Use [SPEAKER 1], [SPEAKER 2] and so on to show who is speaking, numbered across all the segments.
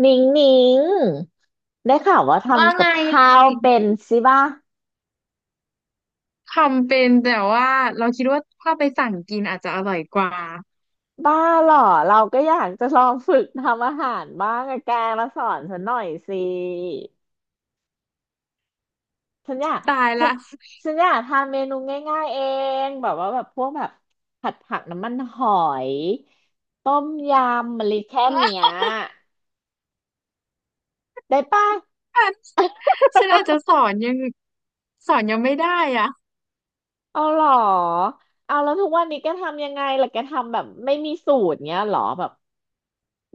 [SPEAKER 1] หนิงหนิงได้ข่าวว่า
[SPEAKER 2] ว่า
[SPEAKER 1] ทำกั
[SPEAKER 2] ไง
[SPEAKER 1] บข้าวเป็นสิบ้า
[SPEAKER 2] ทำเป็นแต่ว่าเราคิดว่าถ้าไปสั่งกินอาจจะอร่อยกว่า
[SPEAKER 1] บ้าเหรอเราก็อยากจะลองฝึกทำอาหารบ้างอะแกมาสอนฉันหน่อยสิฉันอยาก
[SPEAKER 2] ตาย
[SPEAKER 1] ฉัน
[SPEAKER 2] ละ
[SPEAKER 1] ฉันอยากทำเมนูง่ายๆเองแบบว่าแบบพวกแบบผัดผักน้ำมันหอยต้มยำอะไรแค่เนี้ ยได้ป่ะ
[SPEAKER 2] ฉันฉันอาจจะสอนยังไม่ได้อ่ะ
[SPEAKER 1] เอาเหรอเอาแล้วทุกวันนี้แกทำยังไงล่ะแกทำแบบไม่มีสูตรเงี้ยเหรอแบบ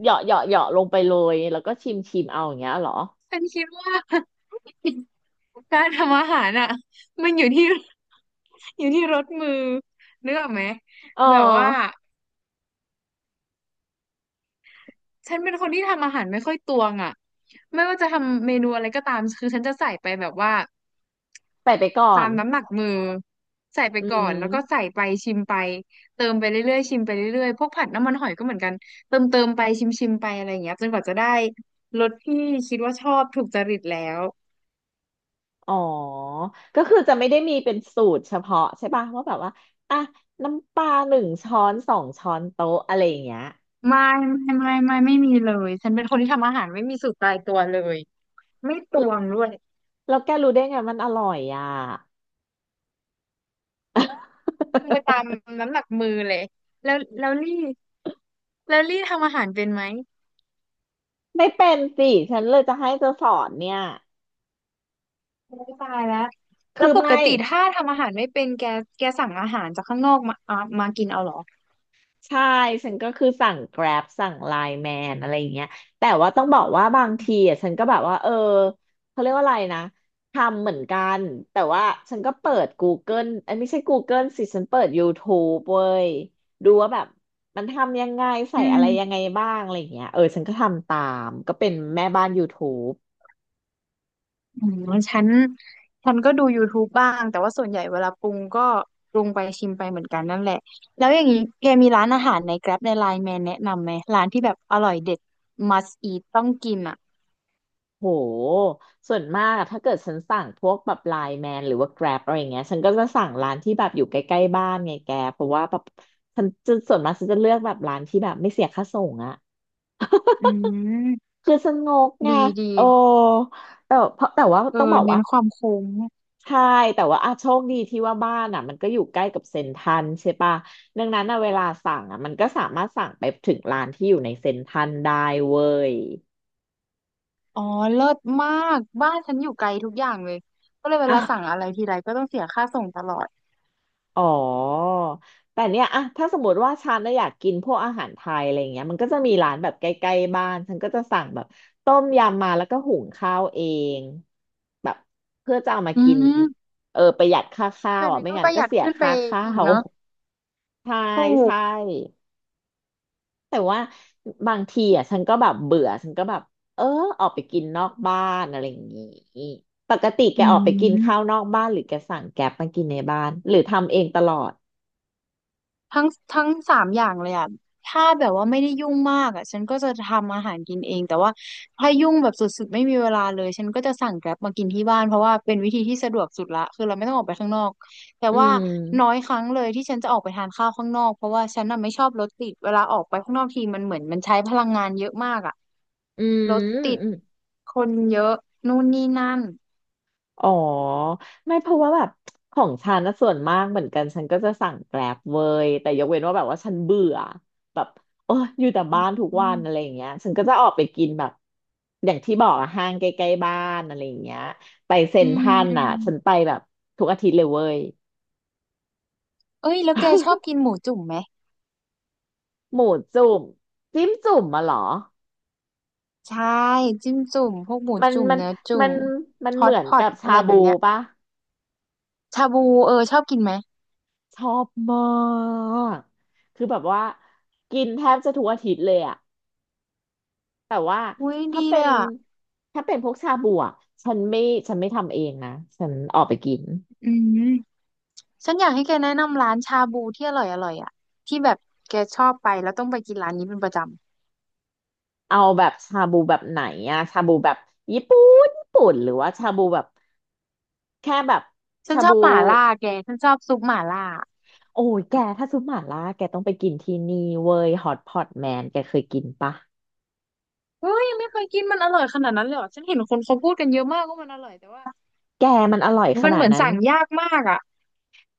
[SPEAKER 1] เหยาะเหยาะเหยาะลงไปเลยแล้วก็ชิมชิมเอาอย่างเงี้ยเหรอ
[SPEAKER 2] ฉันคิดว่า การทำอาหารอ่ะมันอยู่ที่ อยู่ที่รสมือนึกออกไหม
[SPEAKER 1] อ๋อ
[SPEAKER 2] แบบว่าฉันเป็นคนที่ทำอาหารไม่ค่อยตวงอ่ะไม่ว่าจะทำเมนูอะไรก็ตามคือฉันจะใส่ไปแบบว่า
[SPEAKER 1] ใส่ไปก่อ
[SPEAKER 2] ตา
[SPEAKER 1] น
[SPEAKER 2] มน้ำหนักมือใส่ไป
[SPEAKER 1] อื
[SPEAKER 2] ก่อนแล้วก็
[SPEAKER 1] ม
[SPEAKER 2] ใส่ไปชิมไปเติมไปเรื่อยๆชิมไปเรื่อยๆพวกผัดน้ำมันหอยก็เหมือนกันเติมเติมไปชิมชิมไปอะไรอย่างเงี้ยจนกว่าจะได้รสที่คิดว่าชอบถูกจริตแล้ว
[SPEAKER 1] อ๋อ ก็คือจะไม่ได้มีเป็นสูตรเฉพาะใช่ป่ะว่าแบบว่า อ่ะ น้ำปลา1 ช้อน2 ช้อนโต๊ะอะไรอย่างเงี้ย
[SPEAKER 2] ไม่ไม่มีเลยฉันเป็นคนที่ทำอาหารไม่มีสูตรตายตัวเลยไม่ต
[SPEAKER 1] แล้ว
[SPEAKER 2] วงด้วย
[SPEAKER 1] แล้วแกรู้ได้ไงมันอร่อยอ่ะ
[SPEAKER 2] ปรุงไปตามน้ำหนักมือเลยแล้วแล้วลี่แล้วลี่ทำอาหารเป็นไหม
[SPEAKER 1] ไม่เป็นสิฉันเลยจะให้เธอสอนเนี่ย
[SPEAKER 2] โอ้ยตายแล้วแล้
[SPEAKER 1] คื
[SPEAKER 2] ว
[SPEAKER 1] อ
[SPEAKER 2] ป
[SPEAKER 1] ไม่
[SPEAKER 2] กติถ้าทำอาหารไม่เป็นแกแกสั่งอาหารจากข้างนอกมาอ่ะมากินเอาเหรอ
[SPEAKER 1] ใช่ฉันก็คือสั่ง Grab สั่ง l i น e Man อะไรอย่างเงี้ยแต่ว่าต้องบอกว่าบางทีอ่ะฉันก็แบบว่าเออเขาเรียกว่าอะไรนะทำเหมือนกันแต่ว่าฉันก็เปิด Google เอ้ยไม่ใช่ Google สิฉันเปิด YouTube เว้ยดูว่าแบบมันทำยังไงใส่
[SPEAKER 2] อื
[SPEAKER 1] อะไรยังไง
[SPEAKER 2] ม
[SPEAKER 1] บ้างอะไรอย่างเงี้ยเออฉันก็ทำตามก็เป็นแม่บ้าน YouTube
[SPEAKER 2] อืมฉันฉันก็ดู YouTube บ้างแต่ว่าส่วนใหญ่เวลาปรุงก็ปรุงไปชิมไปเหมือนกันนั่นแหละแล้วอย่างนี้แกมีร้านอาหารใน Grab ใน Line Man แนะนำไหมร้านที่แบบอร่อยเด็ด must eat ต้องกินอ่ะ
[SPEAKER 1] โหส่วนมากอะถ้าเกิดฉันสั่งพวกแบบไลน์แมนหรือว่า Grab อะไรอย่างเงี้ยฉันก็จะสั่งร้านที่แบบอยู่ใกล้ๆบ้านไงแกเพราะว่าแบบฉันจะส่วนมากฉันจะเลือกแบบร้านที่แบบไม่เสียค่าส่งอะ
[SPEAKER 2] อืม
[SPEAKER 1] คือฉันงกไง
[SPEAKER 2] ดีดี
[SPEAKER 1] โอ้แต่เพราะแต่ว่า
[SPEAKER 2] เอ
[SPEAKER 1] ต้อง
[SPEAKER 2] อ
[SPEAKER 1] บอก
[SPEAKER 2] เน้
[SPEAKER 1] ว่า
[SPEAKER 2] นความคุ้ม
[SPEAKER 1] ใช่แต่ว่าอ่ะโชคดีที่ว่าบ้านอ่ะมันก็อยู่ใกล้กับเซ็นทรัลใช่ปะดังนั้นอ่ะเวลาสั่งอ่ะมันก็สามารถสั่งไปถึงร้านที่อยู่ในเซ็นทรัลได้เว้ย
[SPEAKER 2] อ๋อเลิศมากบ้านฉันอยู่ไกลทุกอย่างเลยก็เลย เว
[SPEAKER 1] อ่ะ
[SPEAKER 2] ลาสั่งอะไรทีไรก็ต้องเสียค่าส่งตลอด
[SPEAKER 1] อ๋อ แต่เนี่ยอะถ้าสมมติว่าฉันน่ะอยากกินพวกอาหารไทยอะไรเงี้ยมันก็จะมีร้านแบบใกล้ๆบ้านฉันก็จะสั่งแบบต้มยำมาแล้วก็หุงข้าวเองแบบเพื่อจะเอามา
[SPEAKER 2] อื
[SPEAKER 1] กิน
[SPEAKER 2] ม
[SPEAKER 1] เออประหยัดค่าข้า
[SPEAKER 2] แบ
[SPEAKER 1] ว
[SPEAKER 2] บ
[SPEAKER 1] อ่ะ
[SPEAKER 2] นี้
[SPEAKER 1] ไม่
[SPEAKER 2] ก็ป
[SPEAKER 1] งั้น
[SPEAKER 2] ระห
[SPEAKER 1] ก็
[SPEAKER 2] ยัด
[SPEAKER 1] เสีย
[SPEAKER 2] ขึ้นไป
[SPEAKER 1] ค่าข้า
[SPEAKER 2] อีก
[SPEAKER 1] ว
[SPEAKER 2] เนาะ
[SPEAKER 1] ใช่
[SPEAKER 2] ถูก
[SPEAKER 1] ใช่แต่ว่าบางทีอ่ะฉันก็แบบเบื่อฉันก็แบบเออออกไปกินนอกบ้านอะไรอย่างงี้ปกติแก
[SPEAKER 2] อื
[SPEAKER 1] ออกไปกินข้าว
[SPEAKER 2] ม
[SPEAKER 1] นอกบ้านหรือแกสั่งแกร็บมากินในบ้านหรือทำเองตลอด
[SPEAKER 2] ทั้งทั้งสามอย่างเลยอ่ะถ้าแบบว่าไม่ได้ยุ่งมากอ่ะฉันก็จะทำอาหารกินเอง แต่ว่าถ้ายุ่งแบบสุดๆไม่มีเวลาเลย ฉันก็จะสั่งแกร็บมากินที่บ้าน เพราะว่าเป็นวิธีที่สะดวกสุดละคือเราไม่ต้องออกไปข้างนอกแต่
[SPEAKER 1] อื
[SPEAKER 2] ว่าน้อ
[SPEAKER 1] ม
[SPEAKER 2] ยครั้งเลยที่ฉันจะออกไปทานข้าวข้างนอก เพราะว่าฉันน่ะไม่ชอบรถติดเวลาออกไปข้างนอกทีมันเหมือนมันใช้พลังงานเยอะมากอ่ะ
[SPEAKER 1] อื
[SPEAKER 2] รถ
[SPEAKER 1] ม
[SPEAKER 2] ติด
[SPEAKER 1] อืม
[SPEAKER 2] คนเยอะนู่นนี่นั่น
[SPEAKER 1] อ๋อ ไม่เพราะว่าแบบของฉันนะส่วนมากเหมือนกันฉันก็จะสั่งแกร็บเว้ยแต่ยกเว้นว่าแบบว่าฉันเบื่อแบบโอ้ยอยู่แต่บ้านทุก
[SPEAKER 2] อื
[SPEAKER 1] วันอะไร
[SPEAKER 2] ม
[SPEAKER 1] อย่างเงี้ยฉันก็จะออกไปกินแบบอย่างที่บอกอะห้างใกล้ๆบ้านอะไรอย่างเงี้ยไปเซ็
[SPEAKER 2] อื
[SPEAKER 1] นท
[SPEAKER 2] ม
[SPEAKER 1] รัล
[SPEAKER 2] อื
[SPEAKER 1] น่ะ
[SPEAKER 2] ม
[SPEAKER 1] ฉันไปแบบทุกอาทิตย์เลยเว้ย
[SPEAKER 2] เอ้ยแล้วแกชอบกิ นหมูจุ่มไหม
[SPEAKER 1] หมูจุ่มจิ้มจุ่มมาหรอ
[SPEAKER 2] ใช่จิ้มจุ่มพวกหมู
[SPEAKER 1] มัน
[SPEAKER 2] จุ่ม
[SPEAKER 1] มัน
[SPEAKER 2] เนื้อจุ่
[SPEAKER 1] มั
[SPEAKER 2] ม
[SPEAKER 1] นมัน
[SPEAKER 2] ฮ
[SPEAKER 1] เห
[SPEAKER 2] อ
[SPEAKER 1] มื
[SPEAKER 2] ต
[SPEAKER 1] อน
[SPEAKER 2] พอ
[SPEAKER 1] กั
[SPEAKER 2] ต
[SPEAKER 1] บ
[SPEAKER 2] อะ
[SPEAKER 1] ชา
[SPEAKER 2] ไรแบ
[SPEAKER 1] บู
[SPEAKER 2] บเนี้ย
[SPEAKER 1] ปะ
[SPEAKER 2] ชาบูเออชอบกินไหม
[SPEAKER 1] ชอบมาก คือแบบว่ากินแทบจะทุกอาทิตย์เลยอะแต่ว่า
[SPEAKER 2] อุ้ย
[SPEAKER 1] ถ้า
[SPEAKER 2] ดี
[SPEAKER 1] เป็
[SPEAKER 2] เล
[SPEAKER 1] น
[SPEAKER 2] ยอ่ะ
[SPEAKER 1] ถ้าเป็นพวกชาบูอะฉันไม่ฉันไม่ทำเองนะฉันออกไปกิน
[SPEAKER 2] อืมฉันอยากให้แกแนะนำร้านชาบูที่อร่อยอร่อยอ่ะที่แบบแกชอบไปแล้วต้องไปกินร้านนี้เป็นประจำ
[SPEAKER 1] เอาแบบชาบูแบบไหนอะชาบูแบบญี่ปุ่ญี่ปุ่นหรือว่าชาบูแบบแค่แบบ
[SPEAKER 2] ฉัน
[SPEAKER 1] ชา
[SPEAKER 2] ชอ
[SPEAKER 1] บู
[SPEAKER 2] บหม่าล่าแกฉันชอบซุปหม่าล่า
[SPEAKER 1] โอ้ยแกถ้าซุปหม่าล่าแกต้องไปกินที่นี่เว้ยฮอตพอตแมนแกเคยกินปะ
[SPEAKER 2] เฮ้ยยังไม่เคยกินมันอร่อยขนาดนั้นเลยเหรอฉันเห็นคนเขาพูดกันเยอะมากว่ามันอร่อยแต่ว่า
[SPEAKER 1] แกมันอร่อยข
[SPEAKER 2] มัน
[SPEAKER 1] นา
[SPEAKER 2] เห
[SPEAKER 1] ด
[SPEAKER 2] มือน
[SPEAKER 1] นั้น
[SPEAKER 2] สั่งยากมากอ่ะ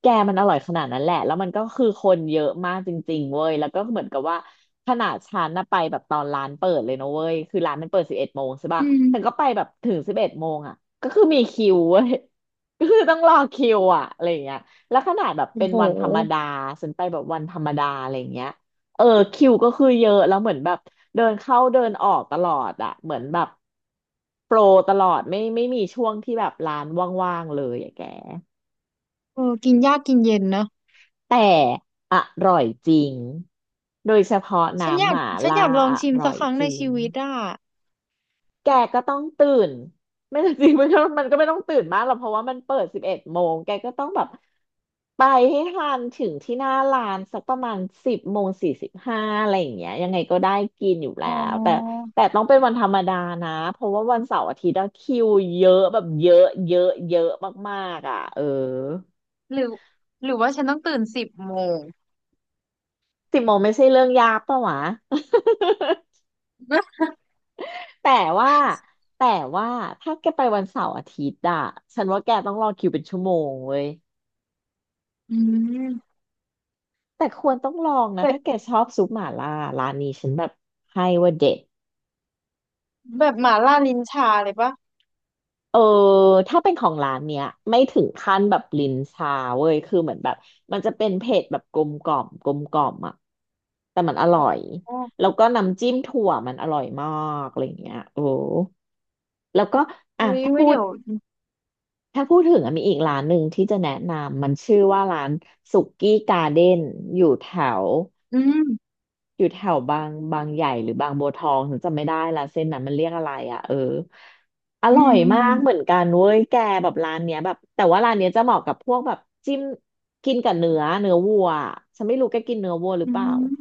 [SPEAKER 1] แกมันอร่อยขนาดนั้นแหละแล้วมันก็คือคนเยอะมากจริงๆเว้ยแล้วก็เหมือนกับว่าขนาดฉันน่ะไปแบบตอนร้านเปิดเลยนะเว้ยคือร้านมันเปิดสิบเอ็ดโมงใช่ป่ะ
[SPEAKER 2] อื
[SPEAKER 1] ฉันก็
[SPEAKER 2] ม
[SPEAKER 1] ไปแบบถึงสิบเอ็ดโมงอ่ะก็คือมีคิวเว้ย ก็คือต้องรอคิวอ่ะอะไรอย่างเงี้ยแล้วขนาดแบบ
[SPEAKER 2] โอ้
[SPEAKER 1] เป็น
[SPEAKER 2] โห
[SPEAKER 1] วันธรรมดาฉันไปแบบวันธรรมดาอะไรอย่างเงี้ยเออคิวก็คือเยอะแล้วเหมือนแบบเดินเข้าเดินออกตลอดอ่ะเหมือนแบบโปรตลอดไม่มีช่วงที่แบบร้านว่างๆเลยอะแก
[SPEAKER 2] เออกินยากกินเย็นเนอะ
[SPEAKER 1] แต่อร่อยจริง โดยเฉพาะ
[SPEAKER 2] ฉันอ
[SPEAKER 1] น้ำห
[SPEAKER 2] ยาก
[SPEAKER 1] ม่า
[SPEAKER 2] ฉันอ
[SPEAKER 1] ล่า
[SPEAKER 2] ยากลอ
[SPEAKER 1] อ
[SPEAKER 2] งชิม
[SPEAKER 1] ร่
[SPEAKER 2] สั
[SPEAKER 1] อ
[SPEAKER 2] ก
[SPEAKER 1] ย
[SPEAKER 2] ครั้ง
[SPEAKER 1] จ
[SPEAKER 2] ใน
[SPEAKER 1] ริง
[SPEAKER 2] ชีวิตอ่ะ
[SPEAKER 1] แกก็ต้องตื่น ไม่จริงมันก็มันก็ไม่ต้องตื่นมากหรอกเพราะว่ามันเปิดสิบเอ็ดโมงแกก็ต้องแบบไปให้ทันถึงที่หน้าร้านสักประมาณ10:45อะไรอย่างเงี้ยยังไงก็ได้กินอยู่แล้
[SPEAKER 2] อ๋
[SPEAKER 1] วแต่
[SPEAKER 2] อ
[SPEAKER 1] แต่ต้องเป็นวันธรรมดานะ เพราะว่าวันเสาร์อาทิตย์อะคิวเยอะแบบเยอะเยอะเยอะมากๆอ่ะเออ
[SPEAKER 2] หรือหรือว่าฉันต้องตื่นสิบโมง
[SPEAKER 1] สิบโมงไม่ใช่เรื่องยากปะวะ แต่ว่าแต่ว่าถ้าแกไปวันเสาร์อาทิตย์อะฉันว่าแกต้องรอคิวเป็นชั่วโมงเว้ย
[SPEAKER 2] อืม
[SPEAKER 1] แต่ควรต้องลองนะ
[SPEAKER 2] แบบ
[SPEAKER 1] ถ้าแกชอบซุปหม่าล่าร้านนี้ฉันแบบให้ว่าเด็ด
[SPEAKER 2] แบบหมาล่าลิ้นชาเลยปะ
[SPEAKER 1] เออถ้าเป็นของร้านเนี้ยไม่ถึงขั้นแบบลิ้นชาเว้ยคือเหมือนแบบมันจะเป็นเผ็ดแบบกลมกล่อมกลมกล่อมอะแต่มันอ
[SPEAKER 2] อ๋อ
[SPEAKER 1] ร่อย
[SPEAKER 2] อ๋อ
[SPEAKER 1] แล้วก็น้ำจิ้มถั่วมันอร่อยมากอะไรอย่างเงี้ยโอ้แล้วก็อ่ะ
[SPEAKER 2] เฮ้ยไว้เดี๋ยว
[SPEAKER 1] ถ้าพูดถึงอะมีอีกร้านหนึ่งที่จะแนะนำมันชื่อว่าร้านสุกี้การ์เด้นอยู่แถว
[SPEAKER 2] อืม
[SPEAKER 1] บางใหญ่หรือบางบัวทองฉันจำไม่ได้ละเส้นนั้นมันเรียกอะไรอ่ะเอออ
[SPEAKER 2] อื
[SPEAKER 1] ร่อยมากเหมือ
[SPEAKER 2] ม
[SPEAKER 1] นกันเว้ยแกแบบร้านเนี้ยแบบแต่ว่าร้านเนี้ยจะเหมาะกับพวกแบบจิ้มกินกับเนื้อวัวอะฉันไม่รู้แกกินเนื้อวัวหรือ
[SPEAKER 2] อื
[SPEAKER 1] เป
[SPEAKER 2] ม
[SPEAKER 1] ล่า
[SPEAKER 2] อืม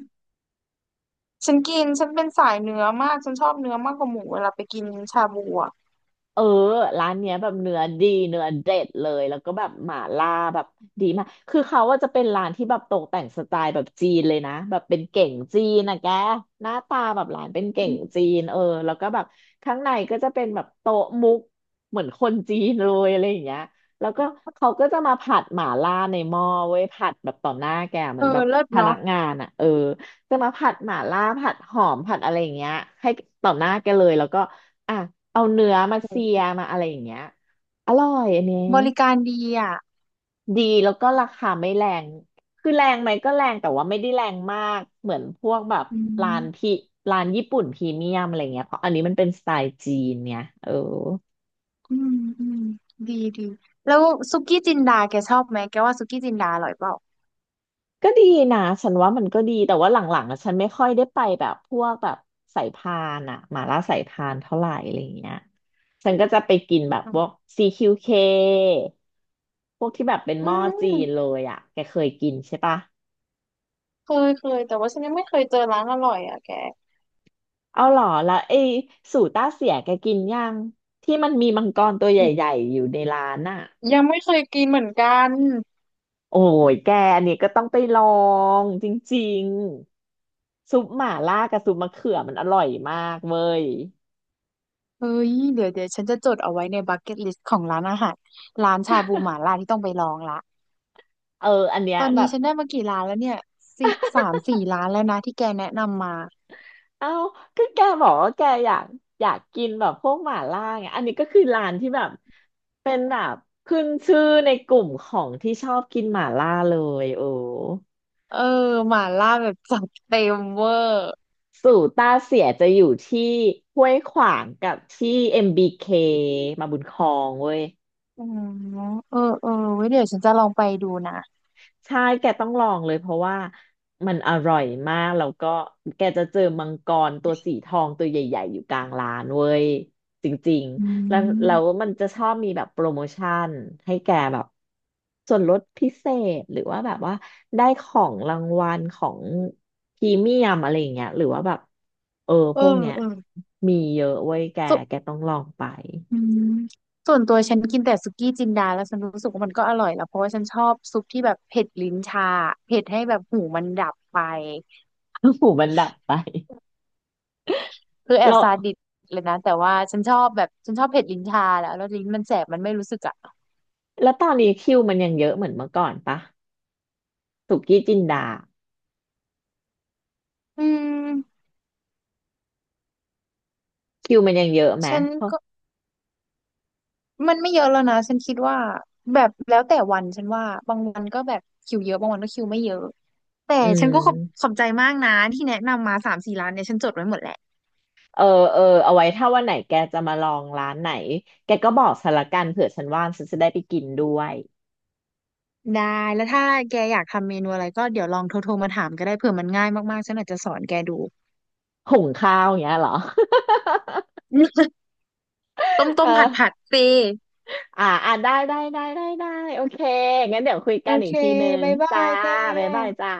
[SPEAKER 2] ฉันกินฉันเป็นสายเนื้อมากฉันชอบเนื้อมากกว่าหมูเวลาไปกินชาบูอ่ะ
[SPEAKER 1] เออ ร้านเนี้ยแบบเนื้อดีเนื้อเด็ดเลยแล้วก็แบบหม่าล่าแบบดีมาก คือเขาว่าจะเป็นร้านที่แบบตกแต่งสไตล์แบบจีนเลยนะแบบเป็นเก๋งจีนนะแกหน้าตาแบบร้านเป็นเก๋
[SPEAKER 2] อื
[SPEAKER 1] งจี
[SPEAKER 2] ม
[SPEAKER 1] นเออแล้วก็แบบข้างในก็จะเป็นแบบโต๊ะมุกเหมือนคนจีนเลยอะไรอย่างเงี้ยแล้วก็เขาก็จะมาผัดหม่าล่าในหม้อเว้ยผัดแบบต่อหน้าแกเหมื
[SPEAKER 2] เอ
[SPEAKER 1] อ
[SPEAKER 2] อ
[SPEAKER 1] นแบบ
[SPEAKER 2] เลิศ
[SPEAKER 1] พนั
[SPEAKER 2] เนาะ
[SPEAKER 1] กงานอ่ะเออจะมาผัดหม่าล่าผัดหอมผัดอะไรอย่างเงี้ยให้ต่อหน้าแกเลยแล้วก็ อ่ะเอาเนื้อมาเสี
[SPEAKER 2] อ
[SPEAKER 1] ยมาอะไรอย่างเงี้ยอร่อยอันนี้
[SPEAKER 2] บริการดีอ่ะ
[SPEAKER 1] ดีแล้วก็ราคาไม่แรงคือแรงไหมก็แรงแต่ว่าไม่ได้แรงมากเหมือนพวกแบบ
[SPEAKER 2] อื
[SPEAKER 1] ร้าน
[SPEAKER 2] ม
[SPEAKER 1] พี่ร้านญี่ปุ่นพรีเมียมอะไรเงี้ยเพราะอันนี้มันเป็นสไตล์จีนเนี่ยเออ
[SPEAKER 2] อืมอืมดีดีแล้วซุกี้จินดาแกชอบไหมแกว่าซุกี้จินดาอร่อยเปล่า
[SPEAKER 1] ก็ดีนะฉันว่ามันก็ดีแต่ว่าหลังๆอะฉันไม่ค่อยได้ไปแบบพวกแบบสายพานอะหม่าล่าสายพานเท่าไหร่อะไรเงี้ยฉันก็จะไปกินแบบพวกซีคิวเคพวกที่แบบเป็นห
[SPEAKER 2] อื
[SPEAKER 1] ม้อจี
[SPEAKER 2] ม
[SPEAKER 1] นเลยอะแกเคยกินใช่ปะ
[SPEAKER 2] เคยเคยแต่ว่าฉันยังไม่เคยเจอร้านอร่อยอ่ะแก
[SPEAKER 1] เอาเหรอแล้วไอ้สูต้าเสียแกกินยังที่มันมีมังกรตัวใหญ่ๆอยู่ในร้านน่ะ
[SPEAKER 2] ยังไม่เคยกินเหมือนกัน
[SPEAKER 1] โอ้ยแกอันนี้ก็ต้องไปลองจริงๆซุปหม่าล่ากับซุปมะเขือมันอร่อยมากเว้ย
[SPEAKER 2] เฮ้ยเดี๋ยวฉันจะจดเอาไว้ในบักเก็ตลิสต์ของร้านอาหารร้านชาบูหม่าล่าที่ต้องไปลองละ
[SPEAKER 1] เอออันเนี้ย
[SPEAKER 2] ตอน
[SPEAKER 1] แบ
[SPEAKER 2] นี้
[SPEAKER 1] บ
[SPEAKER 2] ฉันได้มากี่ร้านแล้วเนี่ยสามสี่ร้านแล้วนะที่แกแนะนำมา
[SPEAKER 1] เอ้าก็แกบอกว่าแกอยากกินแบบพวกหม่าล่าไงอันนี้ก็คือร้านที่แบบเป็นแบบขึ้นชื่อในกลุ่มของที่ชอบกินหม่าล่าเลยโอ้
[SPEAKER 2] เออหม่าล่าแบบจัดเต็มเวอร์
[SPEAKER 1] สู่ต้าเสียจะอยู่ที่ห้วยขวางกับที่ MBK มบีเคมาบุญครองเว้ย
[SPEAKER 2] อืมเออเออไว้เดี๋ยวฉันจะลองไปดูนะ
[SPEAKER 1] ใช่แกต้องลองเลยเพราะว่ามันอร่อยมากแล้วก็แกจะเจอมังกรตัวสีทองตัวใหญ่ๆอยู่กลางร้านเว้ยจริง
[SPEAKER 2] อื
[SPEAKER 1] ๆแล้ว
[SPEAKER 2] ม
[SPEAKER 1] มันจะชอบมีแบบโปรโมชั่นให้แกแบบส่วนลดพิเศษหรือว่าแบบว่าได้ของรางวัลของพรีเมียมอะไรอย่างเงี้ยหรือว่าแบบเออ
[SPEAKER 2] เอ
[SPEAKER 1] พ
[SPEAKER 2] อ
[SPEAKER 1] วกเนี้ย
[SPEAKER 2] เออ
[SPEAKER 1] มีเยอะเว้ยแกแกต้องลองไป
[SPEAKER 2] อืมส่วนตัวฉันกินแต่สุกี้จินดาแล้วฉันรู้สึกว่ามันก็อร่อยแล้วเพราะว่าฉันชอบซุปที่แบบเผ็ดลิ้นชาเผ็ดให้แบบหูมันดับไป
[SPEAKER 1] หูมันดับไป
[SPEAKER 2] คือแอบ
[SPEAKER 1] แล้ว
[SPEAKER 2] ซาดิสเลยนะแต่ว่าฉันชอบเผ็ดลิ้นชาแหละแล้วลิ้นมันแสบมันไม่รู้สึกอ่ะ
[SPEAKER 1] แล้วตอนนี้คิวมันยังเยอะเหมือนเมื่อก่อนปะ สุกี้จินดา
[SPEAKER 2] อืม
[SPEAKER 1] คิวมันยังเยอะไหม
[SPEAKER 2] ฉัน
[SPEAKER 1] เพราะ
[SPEAKER 2] ก็มันไม่เยอะแล้วนะฉันคิดว่าแบบแล้วแต่วันฉันว่าบางวันก็แบบคิวเยอะบางวันก็คิวไม่เยอะแต่
[SPEAKER 1] อื
[SPEAKER 2] ฉันก็ข
[SPEAKER 1] ม
[SPEAKER 2] อบใจมากนะที่แนะนำมาสามสี่ร้านเนี่ยฉันจดไว้หมดแล้ว
[SPEAKER 1] เออเออเอาไว้ถ้าวันไหนแกจะมาลองร้านไหนแกก็บอกฉันละกันเผื่อฉันว่างฉันจะได้ไปกินด้วย
[SPEAKER 2] ได้แล้วถ้าแกอยากทำเมนูอะไรก็เดี๋ยวลองโทรมาถามก็ได้เผื่อมันง่ายมากๆฉันอาจจะสอนแกดู
[SPEAKER 1] หุงข้าวอย่างเงี้ยเหรอ
[SPEAKER 2] ต้ม ต้มผัดผัด
[SPEAKER 1] เออ
[SPEAKER 2] สิ
[SPEAKER 1] อ่าอ่าได้ได้ได้ได้ได้โอเคงั้นเดี๋ยวคุย
[SPEAKER 2] โอ
[SPEAKER 1] กันอี
[SPEAKER 2] เค
[SPEAKER 1] กทีนึง
[SPEAKER 2] บ๊ายบา
[SPEAKER 1] จ้า
[SPEAKER 2] ยแก
[SPEAKER 1] บ๊ายบายจ้า